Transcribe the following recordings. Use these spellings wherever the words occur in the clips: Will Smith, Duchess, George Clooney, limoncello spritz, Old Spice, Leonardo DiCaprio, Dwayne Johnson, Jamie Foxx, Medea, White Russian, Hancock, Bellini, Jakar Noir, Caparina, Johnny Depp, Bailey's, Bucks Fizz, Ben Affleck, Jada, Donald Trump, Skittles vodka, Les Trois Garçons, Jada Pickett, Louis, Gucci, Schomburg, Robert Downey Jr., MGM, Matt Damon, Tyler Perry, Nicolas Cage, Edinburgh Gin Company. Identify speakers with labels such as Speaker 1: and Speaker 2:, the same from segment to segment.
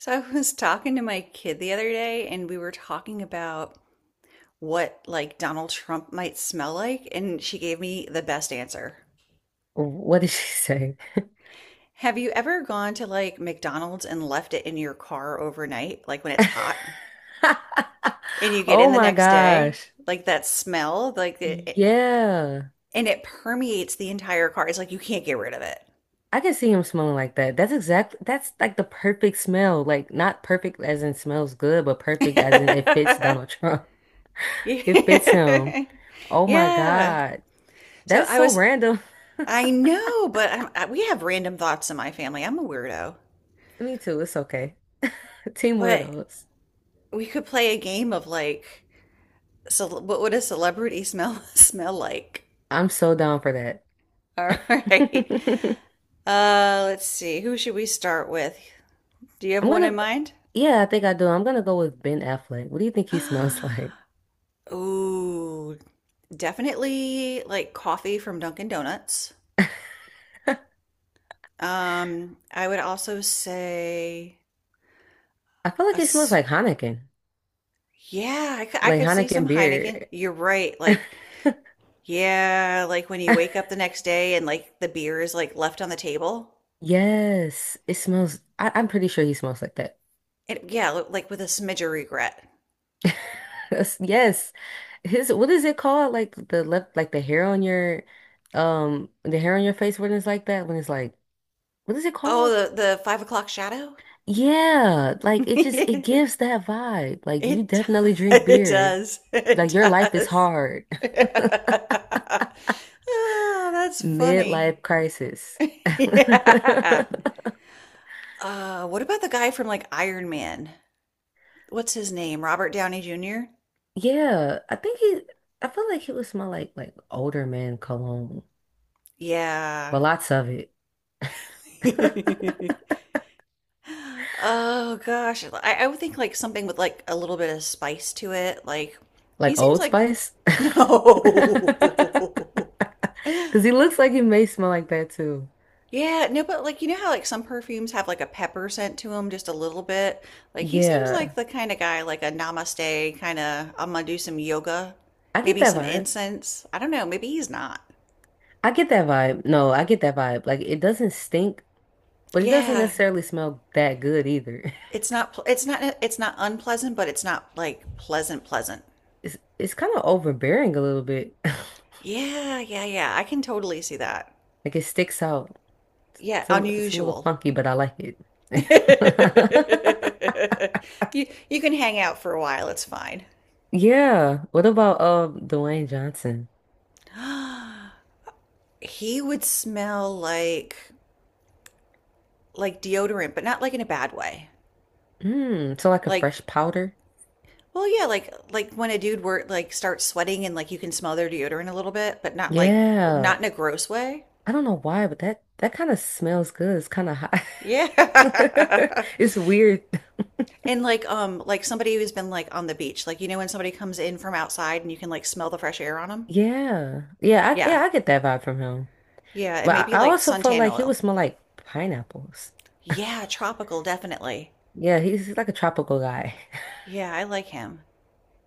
Speaker 1: So I was talking to my kid the other day and we were talking about what like Donald Trump might smell like and she gave me the best answer.
Speaker 2: What did she say?
Speaker 1: Have you ever gone to like McDonald's and left it in your car overnight, like when it's hot, and you get
Speaker 2: Oh
Speaker 1: in the
Speaker 2: my
Speaker 1: next day,
Speaker 2: gosh.
Speaker 1: like that smell,
Speaker 2: Yeah.
Speaker 1: and it permeates the entire car. It's like you can't get rid of it.
Speaker 2: I can see him smelling like that. That's like the perfect smell. Like not perfect as in smells good, but perfect as in it fits Donald Trump. It fits him.
Speaker 1: Yeah.
Speaker 2: Oh my
Speaker 1: Yeah.
Speaker 2: God.
Speaker 1: So
Speaker 2: That's
Speaker 1: I
Speaker 2: so
Speaker 1: was
Speaker 2: random.
Speaker 1: I know, but we have random thoughts in my family. I'm a weirdo.
Speaker 2: Me too. It's okay. Team
Speaker 1: But
Speaker 2: weirdos.
Speaker 1: we could play a game of like, so what would a celebrity smell smell like?
Speaker 2: I'm so down for that.
Speaker 1: All right. Let's see. Who should we start with? Do you have
Speaker 2: I'm
Speaker 1: one in
Speaker 2: gonna,
Speaker 1: mind?
Speaker 2: yeah, I think I do. I'm gonna go with Ben Affleck. What do you think he smells like?
Speaker 1: Ooh, definitely like coffee from Dunkin' Donuts.
Speaker 2: I
Speaker 1: I would also say
Speaker 2: feel
Speaker 1: a
Speaker 2: like he smells
Speaker 1: s-
Speaker 2: like Heineken.
Speaker 1: yeah, I could, I
Speaker 2: Like
Speaker 1: could see
Speaker 2: Heineken
Speaker 1: some Heineken.
Speaker 2: beer.
Speaker 1: You're right. Like, yeah, like when you wake up the next day and like the beer is like left on the table.
Speaker 2: Yes, it smells. I'm pretty sure he smells like that.
Speaker 1: Yeah, like with a smidge of regret.
Speaker 2: Yes, yes. His what is it called? Like the left, like the hair on your, the hair on your face when it's like that. When it's like, what is it
Speaker 1: Oh,
Speaker 2: called?
Speaker 1: the 5 o'clock shadow?
Speaker 2: Yeah, like it
Speaker 1: it,
Speaker 2: gives that vibe. Like you definitely drink
Speaker 1: it
Speaker 2: beer.
Speaker 1: does.
Speaker 2: Like
Speaker 1: It
Speaker 2: your life is
Speaker 1: does.
Speaker 2: hard.
Speaker 1: Ah, that's funny.
Speaker 2: Midlife crisis.
Speaker 1: Yeah. What about the guy from like Iron Man? What's his name? Robert Downey Jr.?
Speaker 2: Yeah, I think he, I feel like he would smell like older man cologne,
Speaker 1: Yeah.
Speaker 2: but lots of it,
Speaker 1: Oh gosh, I would think like something with like a little bit of spice to it. Like he
Speaker 2: like
Speaker 1: seems
Speaker 2: Old
Speaker 1: like
Speaker 2: Spice.
Speaker 1: no.
Speaker 2: Because he looks like he may smell like that too.
Speaker 1: Yeah, no, but like you know how like some perfumes have like a pepper scent to them just a little bit. Like he seems like
Speaker 2: Yeah,
Speaker 1: the kind of guy like a namaste kind of I'm gonna do some yoga,
Speaker 2: I get
Speaker 1: maybe
Speaker 2: that
Speaker 1: some
Speaker 2: vibe.
Speaker 1: incense. I don't know, maybe he's not.
Speaker 2: I get that vibe. No, I get that vibe. Like it doesn't stink, but it doesn't
Speaker 1: Yeah,
Speaker 2: necessarily smell that good either.
Speaker 1: it's not unpleasant, but it's not like pleasant pleasant.
Speaker 2: It's kind of overbearing a little bit.
Speaker 1: Yeah, yeah, yeah. I can totally see that.
Speaker 2: Like it sticks out.
Speaker 1: Yeah,
Speaker 2: It's a little
Speaker 1: unusual.
Speaker 2: funky, but I like it.
Speaker 1: you you can hang out for a while, it's fine.
Speaker 2: Yeah. What about Dwayne Johnson?
Speaker 1: He would smell like deodorant, but not like in a bad way.
Speaker 2: Mm, so like a
Speaker 1: Like
Speaker 2: fresh powder?
Speaker 1: well, yeah, like when a dude were like starts sweating and like you can smell their deodorant a little bit, but not like not
Speaker 2: Yeah.
Speaker 1: in a gross way.
Speaker 2: I don't know why, but that kind of smells good. It's kind of hot.
Speaker 1: Yeah.
Speaker 2: It's weird.
Speaker 1: And like somebody who's been like on the beach, like you know when somebody comes in from outside and you can like smell the fresh air on them?
Speaker 2: Yeah.
Speaker 1: Yeah.
Speaker 2: I get that vibe from him.
Speaker 1: Yeah, and
Speaker 2: But
Speaker 1: maybe
Speaker 2: I
Speaker 1: like
Speaker 2: also felt
Speaker 1: suntan
Speaker 2: like he would
Speaker 1: oil.
Speaker 2: smell like pineapples.
Speaker 1: Yeah, tropical, definitely.
Speaker 2: Yeah, he's like a tropical guy.
Speaker 1: Yeah, I like him.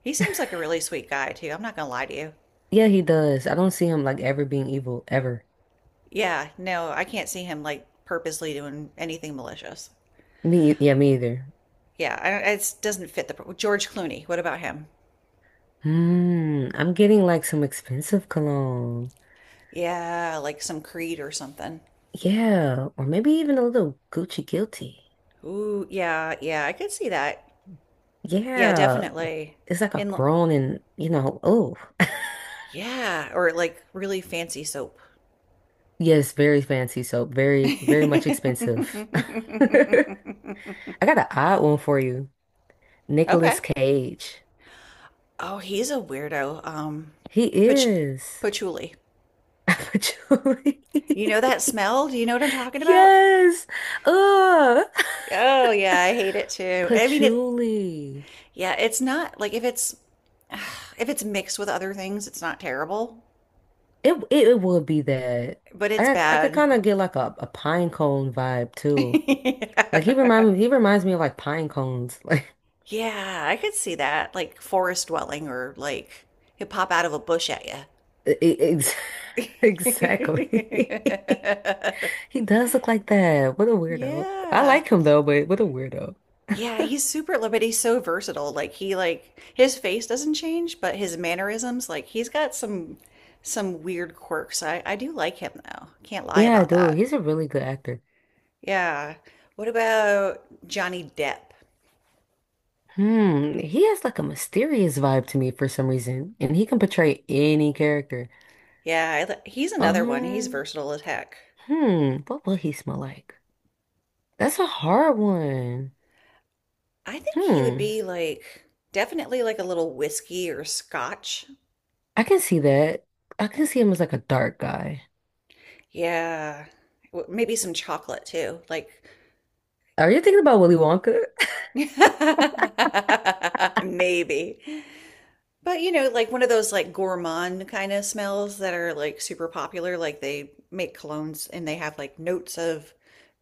Speaker 1: He seems like a really sweet guy, too. I'm not gonna lie to you.
Speaker 2: Yeah, he does. I don't see him like ever being evil ever.
Speaker 1: Yeah, no, I can't see him like purposely doing anything malicious.
Speaker 2: Me either.
Speaker 1: Yeah, I don't, it doesn't fit the. George Clooney, what about him?
Speaker 2: Hmm, I'm getting like some expensive cologne.
Speaker 1: Yeah, like some Creed or something.
Speaker 2: Yeah, or maybe even a little Gucci guilty.
Speaker 1: Ooh, yeah, yeah, I could see that. Yeah,
Speaker 2: Yeah,
Speaker 1: definitely.
Speaker 2: it's like a
Speaker 1: In, l-
Speaker 2: grown and, you know, oh.
Speaker 1: yeah, or like really fancy soap.
Speaker 2: Yes, very fancy soap, very, very much expensive. I got an odd one for you. Nicolas
Speaker 1: Okay.
Speaker 2: Cage.
Speaker 1: Oh, he's a weirdo.
Speaker 2: He
Speaker 1: Pach-
Speaker 2: is.
Speaker 1: Patchouli.
Speaker 2: Patchouli.
Speaker 1: You know that smell? Do you know what I'm talking about?
Speaker 2: Yes. Ugh.
Speaker 1: Oh yeah, I hate it too. I mean, it.
Speaker 2: Patchouli.
Speaker 1: Yeah, it's not like if it's if it's mixed with other things, it's not terrible,
Speaker 2: It would be that.
Speaker 1: but it's
Speaker 2: I could
Speaker 1: bad.
Speaker 2: kind of get like a pine cone vibe too. Like
Speaker 1: Yeah,
Speaker 2: he reminds me of like pine cones. Like
Speaker 1: yeah, I could see that. Like forest dwelling or like it pop out of a bush at you.
Speaker 2: e- e- ex exactly. He does look like that. What a weirdo. I
Speaker 1: Yeah.
Speaker 2: like him though, but what a weirdo.
Speaker 1: Yeah, but he's so versatile. Like he like his face doesn't change, but his mannerisms, like he's got some weird quirks. I do like him though. Can't lie
Speaker 2: Yeah,
Speaker 1: about
Speaker 2: dude,
Speaker 1: that.
Speaker 2: he's a really good actor.
Speaker 1: Yeah. What about Johnny Depp?
Speaker 2: Hmm, he has like a mysterious vibe to me for some reason, and he can portray any character.
Speaker 1: Yeah, he's another one. He's
Speaker 2: Um,
Speaker 1: versatile as heck.
Speaker 2: what will he smell like? That's a hard one.
Speaker 1: I think he would
Speaker 2: Hmm,
Speaker 1: be like definitely like a little whiskey or scotch.
Speaker 2: I can see that. I can see him as like a dark guy.
Speaker 1: Yeah. Maybe some chocolate too. Like
Speaker 2: Are you thinking about Willy Wonka?
Speaker 1: maybe. But you know, like one of those like gourmand kind of smells that are like super popular. Like they make colognes and they have like notes of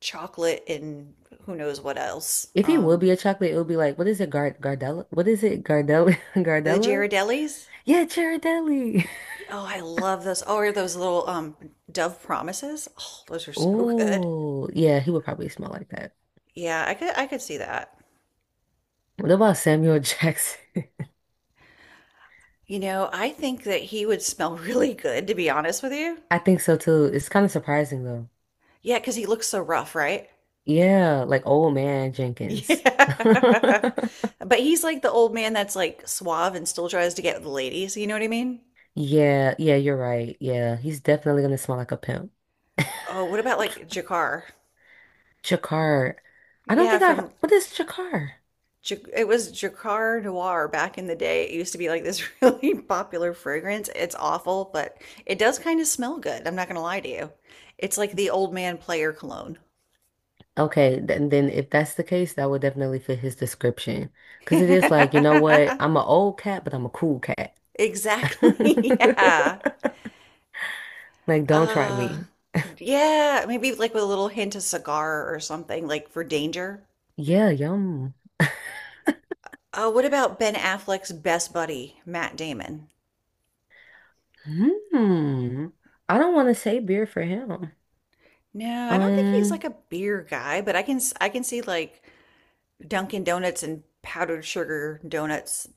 Speaker 1: chocolate and who knows what else.
Speaker 2: If it would be a chocolate, it would be like, what is it, Gar Gardella? What is it, Gardella?
Speaker 1: The
Speaker 2: Gardella?
Speaker 1: Ghirardellis.
Speaker 2: Yeah, Ghirardelli.
Speaker 1: Oh, I love those. Oh, or those little Dove Promises. Oh, those are so good.
Speaker 2: Oh, yeah, he would probably smell like that.
Speaker 1: Yeah, I could see that.
Speaker 2: What about Samuel Jackson?
Speaker 1: You know, I think that he would smell really good, to be honest with you.
Speaker 2: I think so too. It's kind of surprising though.
Speaker 1: Yeah, because he looks so rough, right?
Speaker 2: Yeah, like old man Jenkins.
Speaker 1: Yeah. But he's like the old man that's like suave and still tries to get with the ladies. You know what I mean?
Speaker 2: Yeah, you're right. Yeah, he's definitely gonna smell like a pimp.
Speaker 1: Oh, what about like Jakar?
Speaker 2: Jakar. I don't
Speaker 1: Yeah,
Speaker 2: think I've, What is Jakar?
Speaker 1: It was Jakar Noir back in the day. It used to be like this really popular fragrance. It's awful, but it does kind of smell good. I'm not gonna lie to you. It's like the old man player cologne.
Speaker 2: Okay, then if that's the case, that would definitely fit his description. Because it is like, you know what? I'm an old cat, but I'm a cool cat.
Speaker 1: Exactly. Yeah.
Speaker 2: Like, don't try
Speaker 1: Uh,
Speaker 2: me.
Speaker 1: yeah, maybe like with a little hint of cigar or something, like for danger.
Speaker 2: Yeah, yum.
Speaker 1: Oh, what about Ben Affleck's best buddy, Matt Damon?
Speaker 2: Hmm. I don't want to say beer for him.
Speaker 1: No, I don't think he's like
Speaker 2: Um,
Speaker 1: a beer guy, but I can see like Dunkin' Donuts and powdered sugar donuts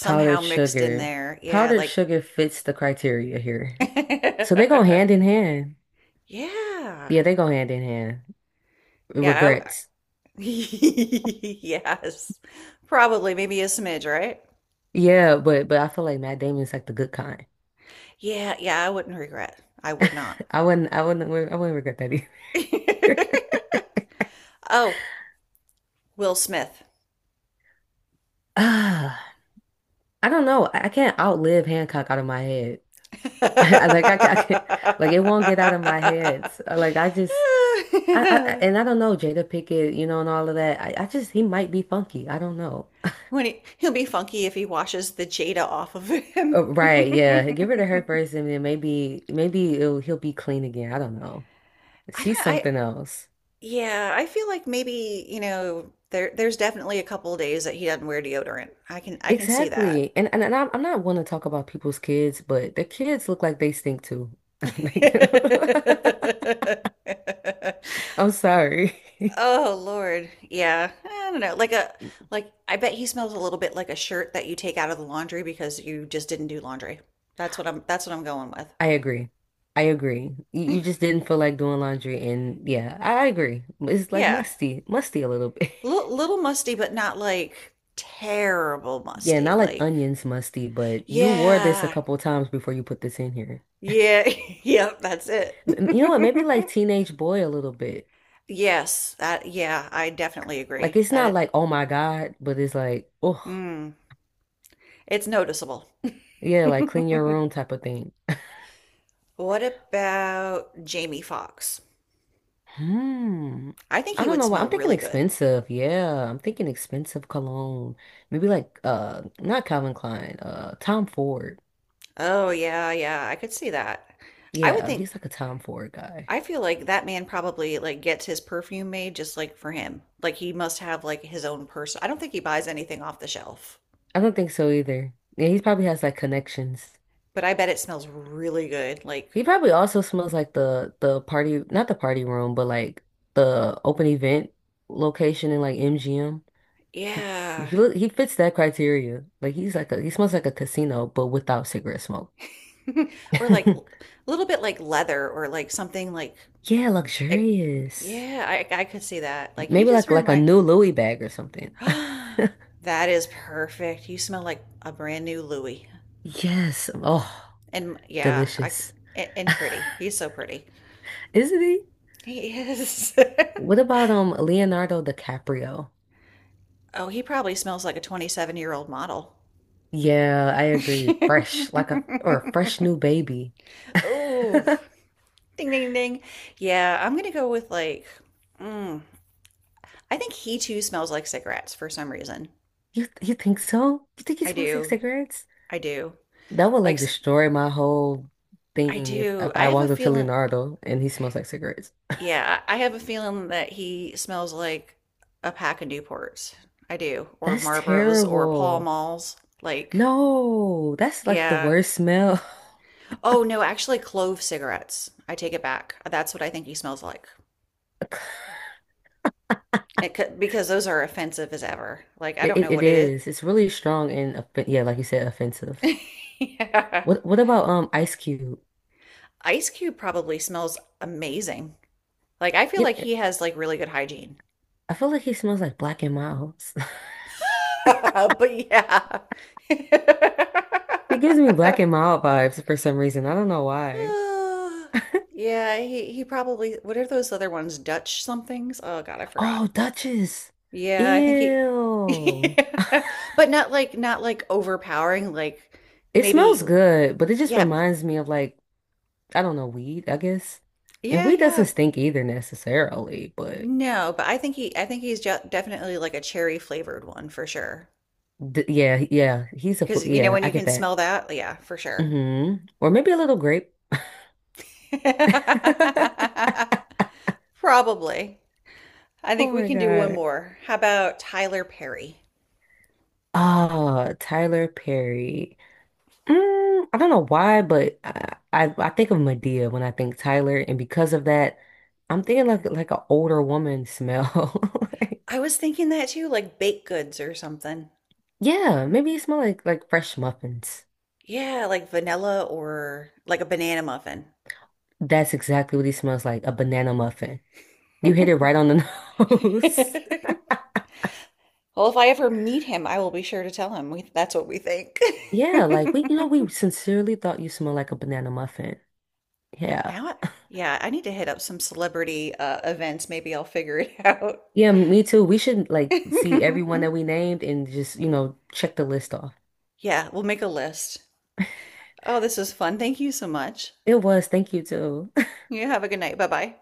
Speaker 2: powdered
Speaker 1: mixed in
Speaker 2: sugar.
Speaker 1: there. Yeah,
Speaker 2: Powdered
Speaker 1: like
Speaker 2: sugar fits the criteria here. So they go hand in hand.
Speaker 1: Yeah.
Speaker 2: Yeah, they go hand in hand.
Speaker 1: Yeah.
Speaker 2: Regrets.
Speaker 1: Yes. Probably maybe a smidge, right?
Speaker 2: Yeah, but I feel like Matt Damon's like the good kind.
Speaker 1: Yeah, yeah, I wouldn't regret. I would not.
Speaker 2: I wouldn't I wouldn't I wouldn't regret that either.
Speaker 1: Oh, Will Smith.
Speaker 2: Ah, I don't know. I can't outlive Hancock out of my head. I can't, like it won't get out of my head. So, like I just, I- And I don't know Jada Pickett, you know, and all of that. He might be funky. I don't know.
Speaker 1: When he, he'll be funky if he washes the Jada off of him.
Speaker 2: Oh, right? Yeah, give her to her
Speaker 1: I
Speaker 2: first, and then maybe, maybe he'll be clean again. I don't know.
Speaker 1: don't.
Speaker 2: She's
Speaker 1: I
Speaker 2: something else.
Speaker 1: Yeah. I feel like maybe you know there. There's definitely a couple of days that he doesn't wear deodorant. I can see that.
Speaker 2: Exactly. I'm not one to talk about people's kids, but their kids look like they stink too. Like, I'm sorry.
Speaker 1: Oh Lord. Yeah. I don't know. Like I bet he smells a little bit like a shirt that you take out of the laundry because you just didn't do laundry. That's what I'm going with.
Speaker 2: I agree. I agree. You just didn't feel like doing laundry, and yeah, I agree. It's like
Speaker 1: Yeah.
Speaker 2: musty, musty a little bit.
Speaker 1: L Little musty but not like terrible
Speaker 2: Yeah,
Speaker 1: musty.
Speaker 2: not like
Speaker 1: Like
Speaker 2: onions musty, but you wore this a
Speaker 1: yeah.
Speaker 2: couple times before you put this in here.
Speaker 1: Yeah. Yep, that's it.
Speaker 2: You know what? Maybe like teenage boy a little bit.
Speaker 1: Yes. That Yeah, I definitely
Speaker 2: Like
Speaker 1: agree.
Speaker 2: it's not like oh my God, but it's like oh
Speaker 1: Mm, it's noticeable.
Speaker 2: yeah, like clean your room type of thing.
Speaker 1: What about Jamie Foxx?
Speaker 2: Hmm.
Speaker 1: I think
Speaker 2: I
Speaker 1: he
Speaker 2: don't
Speaker 1: would
Speaker 2: know why. I'm
Speaker 1: smell
Speaker 2: thinking
Speaker 1: really good.
Speaker 2: expensive. Yeah, I'm thinking expensive cologne. Maybe like not Calvin Klein, Tom Ford.
Speaker 1: Oh yeah, yeah, I could see that. I would
Speaker 2: Yeah,
Speaker 1: think
Speaker 2: he's like a Tom Ford guy.
Speaker 1: I feel like that man probably like gets his perfume made just like for him. Like he must have like his own person. I don't think he buys anything off the shelf,
Speaker 2: I don't think so either. Yeah, he probably has like connections.
Speaker 1: but I bet it smells really good. Like
Speaker 2: He probably also smells like the party, not the party room, but like the open event location in like MGM. He
Speaker 1: yeah.
Speaker 2: he look he fits that criteria. Like he's like a he smells like a casino, but without cigarette smoke.
Speaker 1: Or like a little bit like leather or like something like
Speaker 2: Yeah,
Speaker 1: it,
Speaker 2: luxurious.
Speaker 1: yeah, I could see that. Like he
Speaker 2: Maybe
Speaker 1: just
Speaker 2: like a
Speaker 1: remind
Speaker 2: new Louis bag or something.
Speaker 1: That is perfect. You smell like a brand new Louis.
Speaker 2: Yes. Oh,
Speaker 1: And yeah,
Speaker 2: delicious.
Speaker 1: and pretty. He's so pretty.
Speaker 2: Isn't he?
Speaker 1: He is.
Speaker 2: What about Leonardo DiCaprio?
Speaker 1: Oh, he probably smells like a 27-year-old model.
Speaker 2: Yeah, I agree. Fresh, like a or a fresh new baby.
Speaker 1: Oh, ding, ding, ding. Yeah, I'm going to go with like, mm, I think he too smells like cigarettes for some reason.
Speaker 2: You think so? You think he
Speaker 1: I
Speaker 2: smells like
Speaker 1: do.
Speaker 2: cigarettes?
Speaker 1: I do.
Speaker 2: That would
Speaker 1: Like,
Speaker 2: like
Speaker 1: I
Speaker 2: destroy my whole thing if,
Speaker 1: do. I
Speaker 2: I
Speaker 1: have a
Speaker 2: walked up to
Speaker 1: feeling.
Speaker 2: Leonardo and he smells like cigarettes.
Speaker 1: Yeah, I have a feeling that he smells like a pack of Newports. I do. Or
Speaker 2: That's
Speaker 1: Marlboros or Pall
Speaker 2: terrible.
Speaker 1: Malls. Like,
Speaker 2: No, that's like the
Speaker 1: yeah.
Speaker 2: worst smell.
Speaker 1: Oh no, actually clove cigarettes. I take it back. That's what I think he smells like. It could, because those are offensive as ever. Like I don't know
Speaker 2: It
Speaker 1: what it
Speaker 2: is. It's really strong and offen- yeah, like you said, offensive.
Speaker 1: is. Yeah.
Speaker 2: What about Ice Cube?
Speaker 1: Ice Cube probably smells amazing. Like I feel
Speaker 2: It,
Speaker 1: like
Speaker 2: it-
Speaker 1: he has like really good hygiene.
Speaker 2: I feel like he smells like Black and Milds.
Speaker 1: But yeah.
Speaker 2: It gives me Black and Mild vibes for some reason. I don't know why.
Speaker 1: Ah, yeah, he probably what are those other ones? Dutch somethings? Oh God, I forgot.
Speaker 2: Oh, Duchess.
Speaker 1: Yeah, I think he
Speaker 2: Ew.
Speaker 1: yeah. But not like not like overpowering, like
Speaker 2: It
Speaker 1: maybe
Speaker 2: smells good, but it just
Speaker 1: yeah.
Speaker 2: reminds me of like, I don't know, weed, I guess. And
Speaker 1: Yeah,
Speaker 2: weed doesn't
Speaker 1: yeah.
Speaker 2: stink either necessarily, but
Speaker 1: No, but I think he's definitely like a cherry flavored one for sure.
Speaker 2: he's a, fu-
Speaker 1: Because you know
Speaker 2: yeah,
Speaker 1: when
Speaker 2: I
Speaker 1: you
Speaker 2: get
Speaker 1: can
Speaker 2: that.
Speaker 1: smell that, yeah, for sure.
Speaker 2: Hmm. Or maybe a little grape.
Speaker 1: Probably. I think
Speaker 2: Oh
Speaker 1: we
Speaker 2: my
Speaker 1: can do one
Speaker 2: God.
Speaker 1: more. How about Tyler Perry?
Speaker 2: Ah, Tyler Perry. Mm, I don't know why, but I think of Medea when I think Tyler, and because of that, I'm thinking like an older woman smell.
Speaker 1: I was thinking that too, like baked goods or something.
Speaker 2: Yeah, maybe it smells like fresh muffins.
Speaker 1: Yeah, like vanilla or like a banana muffin.
Speaker 2: That's exactly what he smells like, a banana muffin. You hit it right on the nose.
Speaker 1: Well, if I ever meet him, I will be sure to tell him. That's what we think.
Speaker 2: Yeah, like we, you know, we sincerely thought you smelled like a banana muffin. Yeah.
Speaker 1: Now, yeah, I need to hit up some celebrity events. Maybe I'll figure it out.
Speaker 2: Yeah, me too. We should like see everyone that we named and just, you know, check the list off.
Speaker 1: Yeah, we'll make a list. Oh, this was fun. Thank you so much.
Speaker 2: It was. Thank you too.
Speaker 1: You have a good night. Bye bye.